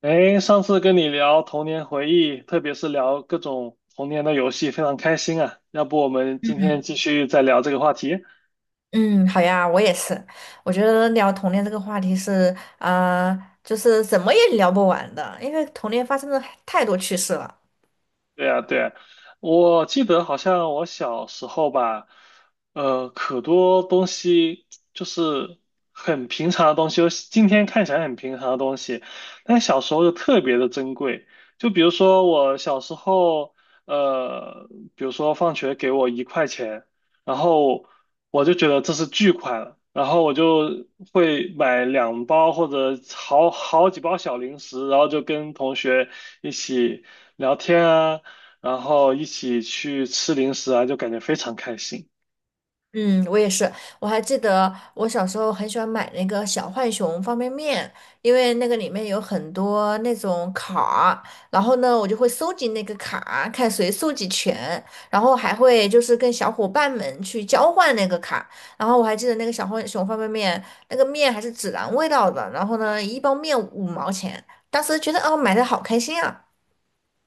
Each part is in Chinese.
哎，上次跟你聊童年回忆，特别是聊各种童年的游戏，非常开心啊。要不我们今天继续再聊这个话题？嗯，好呀，我也是。我觉得聊童年这个话题是，啊，就是怎么也聊不完的，因为童年发生的太多趣事了。对呀，对啊，我记得好像我小时候吧，可多东西就是很平常的东西，就是今天看起来很平常的东西，但小时候就特别的珍贵。就比如说我小时候，呃，比如说放学给我1块钱，然后我就觉得这是巨款了，然后我就会买两包或者好几包小零食，然后就跟同学一起，聊天啊，然后一起去吃零食啊，就感觉非常开心。嗯，我也是。我还记得我小时候很喜欢买那个小浣熊方便面，因为那个里面有很多那种卡儿。然后呢，我就会收集那个卡，看谁收集全，然后还会就是跟小伙伴们去交换那个卡。然后我还记得那个小浣熊方便面，那个面还是孜然味道的，然后呢，一包面五毛钱，当时觉得哦，买的好开心啊。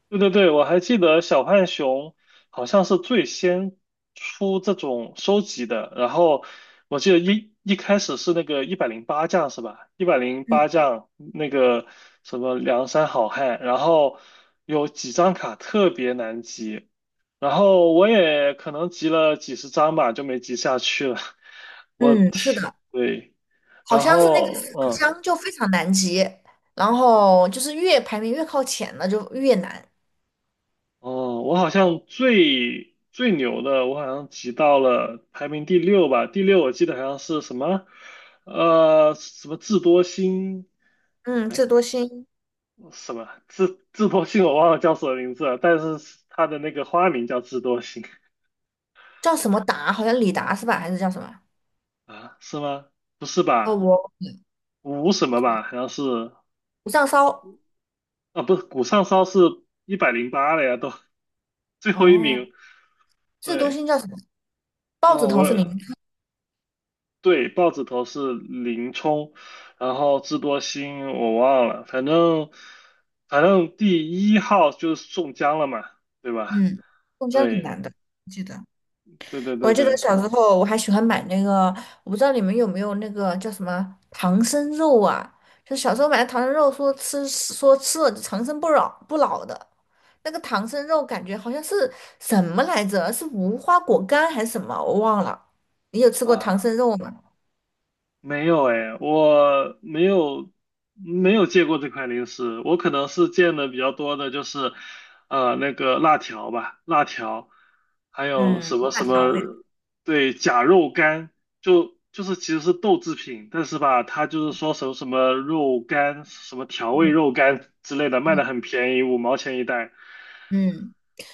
对对对，我还记得小浣熊好像是最先出这种收集的，然后我记得一开始是那个一百零八将是吧？一百零嗯八将那个什么梁山好汉，然后有几张卡特别难集，然后我也可能集了几十张吧，就没集下去了。我，嗯，是的。对，好然像是那个四后不嗯。像就非常难集，然后就是越排名越靠前了就越难。哦，我好像最最牛的，我好像挤到了排名第六吧，第六我记得好像是什么，什么智多星，嗯，智哎，多星什么智多星我忘了叫什么名字了，但是它的那个花名叫智多星叫什么达？好像李达是吧？还是叫什么？啊，是吗？不是哦，吧？我五什么吧？好像是不上烧。啊，不是谷上骚是一百零八了呀，都 最后一哦，名，智多对，星叫什么？豹子哦，头是零。我。对，豹子头是林冲，然后智多星我忘了，反正第一号就是宋江了嘛，对吧？嗯，中间很对难的，记得。对对对我记得对小时候我还喜欢买那个，我不知道你们有没有那个叫什么唐僧肉啊？就小时候买的唐僧肉，说吃了长生不老不老的。那个唐僧肉感觉好像是什么来着？是无花果干还是什么？我忘了。你有吃过唐啊。僧肉吗？没有哎，我没有见过这款零食，我可能是见的比较多的就是，那个辣条吧，辣条，还有嗯什么辣什条味。么，对，假肉干，就是其实是豆制品，但是吧，它就是说什么什么肉干，什么调味嗯肉干之类的，卖嗯。的很便宜，五毛钱一袋。嗯，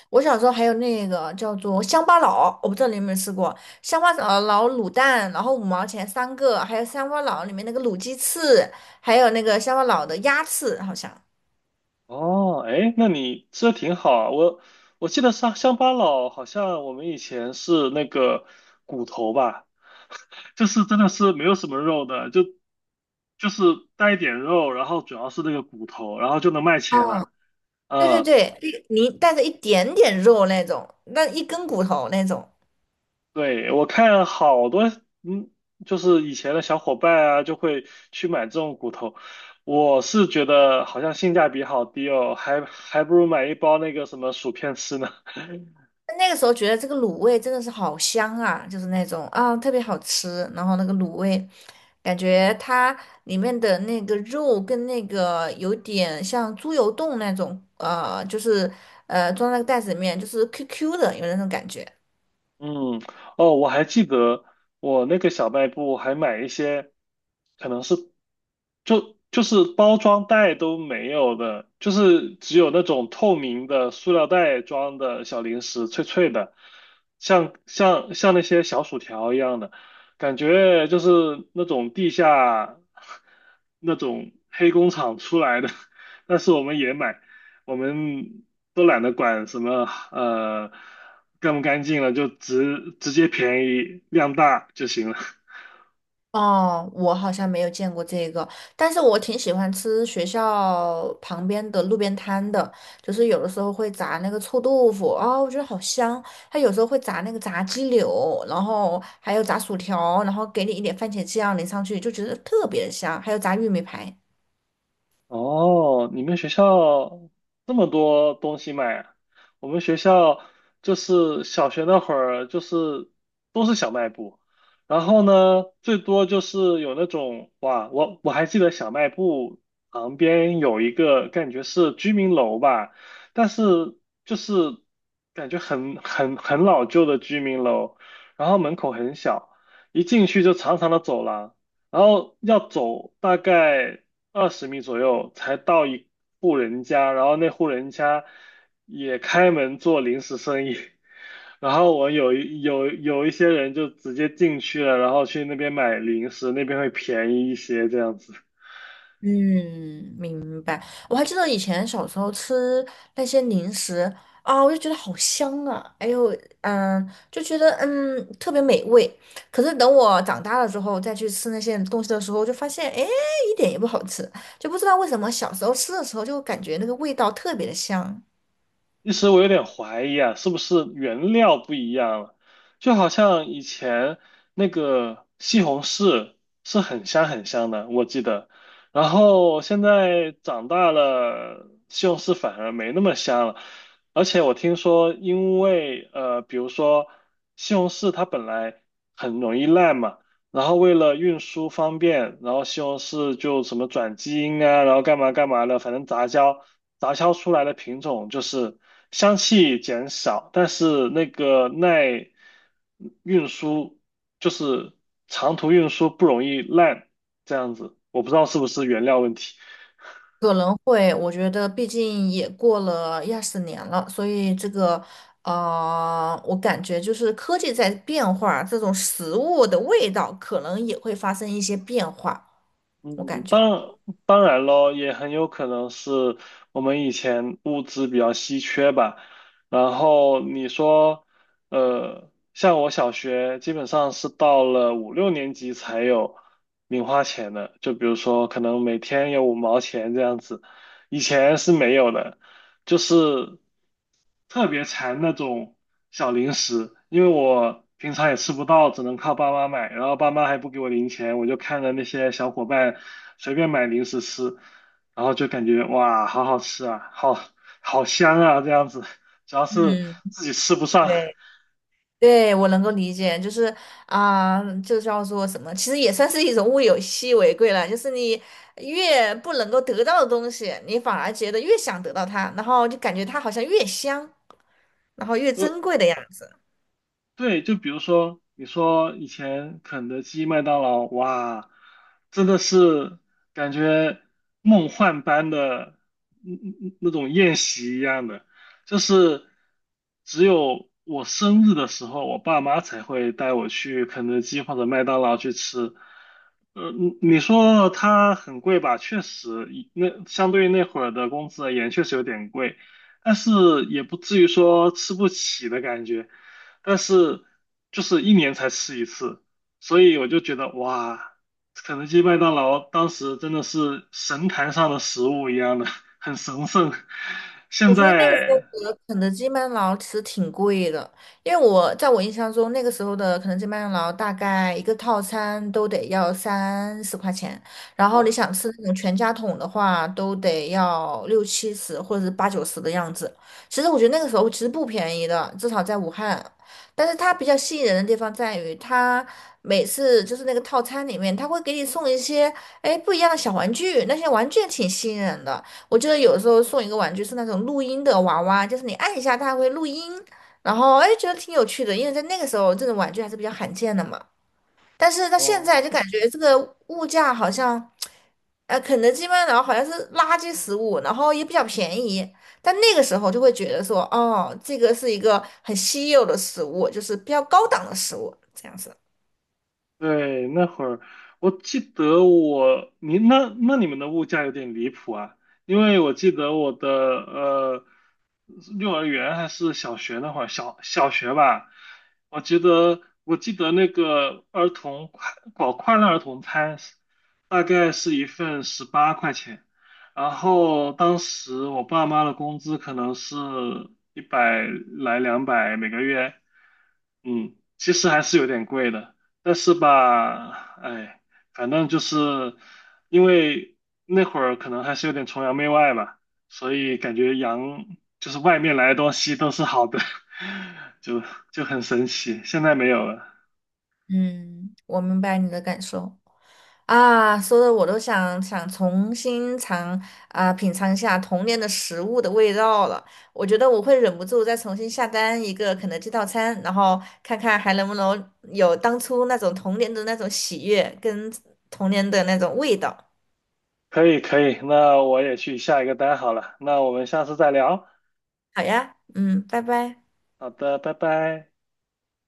我小时候还有那个叫做乡巴佬，我不知道你有没有吃过乡巴佬卤蛋，然后五毛钱三个，还有乡巴佬里面那个卤鸡翅，还有那个乡巴佬的鸭翅，好像。哦，哎，那你吃的挺好啊。我记得乡巴佬好像我们以前是那个骨头吧，就是真的是没有什么肉的，就是带一点肉，然后主要是那个骨头，然后就能卖钱嗯，了。对对嗯，对，你带着一点点肉那种，那一根骨头那种。对，我看好多，嗯，就是以前的小伙伴啊，就会去买这种骨头。我是觉得好像性价比好低哦，还不如买一包那个什么薯片吃呢。那个时候觉得这个卤味真的是好香啊，就是那种啊特别好吃，然后那个卤味。感觉它里面的那个肉跟那个有点像猪油冻那种，就是装在那个袋子里面，就是 QQ 的，有那种感觉。嗯，哦，我还记得我那个小卖部还买一些，可能是就是包装袋都没有的，就是只有那种透明的塑料袋装的小零食，脆脆的，像那些小薯条一样的，感觉就是那种地下 那种黑工厂出来的，但是我们也买。我们都懒得管什么呃干不干净了，就直接便宜量大就行了。哦，我好像没有见过这个，但是我挺喜欢吃学校旁边的路边摊的，就是有的时候会炸那个臭豆腐，啊、我觉得好香。它有时候会炸那个炸鸡柳，然后还有炸薯条，然后给你一点番茄酱淋上去，就觉得特别的香。还有炸玉米排。哦，你们学校这么多东西卖啊？我们学校就是小学那会儿，就是都是小卖部，然后呢，最多就是有那种哇，我还记得小卖部旁边有一个感觉是居民楼吧，但是就是感觉很老旧的居民楼，然后门口很小，一进去就长长的走廊。然后要走大概20米左右才到一户人家，然后那户人家也开门做零食生意，然后我有一有有一些人就直接进去了，然后去那边买零食，那边会便宜一些这样子。嗯，明白。我还记得以前小时候吃那些零食啊，我就觉得好香啊，哎呦，嗯，就觉得特别美味。可是等我长大了之后再去吃那些东西的时候，就发现哎一点也不好吃，就不知道为什么小时候吃的时候就感觉那个味道特别的香。一时我有点怀疑啊，是不是原料不一样了？就好像以前那个西红柿是很香很香的，我记得。然后现在长大了，西红柿反而没那么香了。而且我听说，因为比如说西红柿它本来很容易烂嘛。然后为了运输方便，然后西红柿就什么转基因啊，然后干嘛干嘛的，反正杂交出来的品种就是香气减少，但是那个耐运输就是长途运输不容易烂，这样子，我不知道是不是原料问题。可能会，我觉得毕竟也过了一二十年了，所以这个，我感觉就是科技在变化，这种食物的味道可能也会发生一些变化，我嗯，感当觉。然当然咯，也很有可能是我们以前物资比较稀缺吧。然后你说，像我小学基本上是到了五六年级才有零花钱的，就比如说可能每天有五毛钱这样子，以前是没有的。就是特别馋那种小零食，因为我平常也吃不到，只能靠爸妈买，然后爸妈还不给我零钱，我就看着那些小伙伴随便买零食吃，然后就感觉哇，好好吃啊，好好香啊，这样子，主要是嗯，自己吃不上，对，对，我能够理解，就是啊、就叫做什么，其实也算是一种物有稀为贵了。就是你越不能够得到的东西，你反而觉得越想得到它，然后就感觉它好像越香，然后越珍呃，贵的样子。对，就比如说，你说以前肯德基、麦当劳，哇，真的是感觉梦幻般的那种宴席一样的，就是只有我生日的时候，我爸妈才会带我去肯德基或者麦当劳去吃。你说它很贵吧？确实，以那相对于那会儿的工资而言，确实有点贵，但是也不至于说吃不起的感觉。但是就是一年才吃一次，所以我就觉得哇，肯德基、麦当劳当时真的是神坛上的食物一样的，很神圣。现我觉得那个时候在的肯德基、麦当劳其实挺贵的，因为我在我印象中，那个时候的肯德基、麦当劳大概一个套餐都得要30块钱，然后你啊，想吃那种全家桶的话，都得要六七十或者是八九十的样子。其实我觉得那个时候其实不便宜的，至少在武汉。但是它比较吸引人的地方在于，它每次就是那个套餐里面，它会给你送一些哎不一样的小玩具，那些玩具也挺吸引人的。我记得有时候送一个玩具是那种录音的娃娃，就是你按一下它会录音，然后哎觉得挺有趣的，因为在那个时候这种玩具还是比较罕见的嘛。但是到现在哦，就感觉这个物价好像，肯德基、麦当劳好像是垃圾食物，然后也比较便宜。但那个时候就会觉得说，哦，这个是一个很稀有的食物，就是比较高档的食物，这样子。对，那会儿我记得我，你那那你们的物价有点离谱啊，因为我记得我的幼儿园还是小学那会儿，小学吧，我记得那个儿童快搞快乐儿童餐，大概是一份18块钱，然后当时我爸妈的工资可能是一百来两百每个月。嗯，其实还是有点贵的，但是吧，哎，反正就是因为那会儿可能还是有点崇洋媚外吧，所以感觉洋就是外面来的东西都是好的，就就很神奇。现在没有了。嗯，我明白你的感受。啊，说的我都想想重新尝啊、品尝一下童年的食物的味道了。我觉得我会忍不住再重新下单一个肯德基套餐，然后看看还能不能有当初那种童年的那种喜悦跟童年的那种味道。可以可以，那我也去下一个单好了，那我们下次再聊。好呀，嗯，拜拜。好的，拜拜。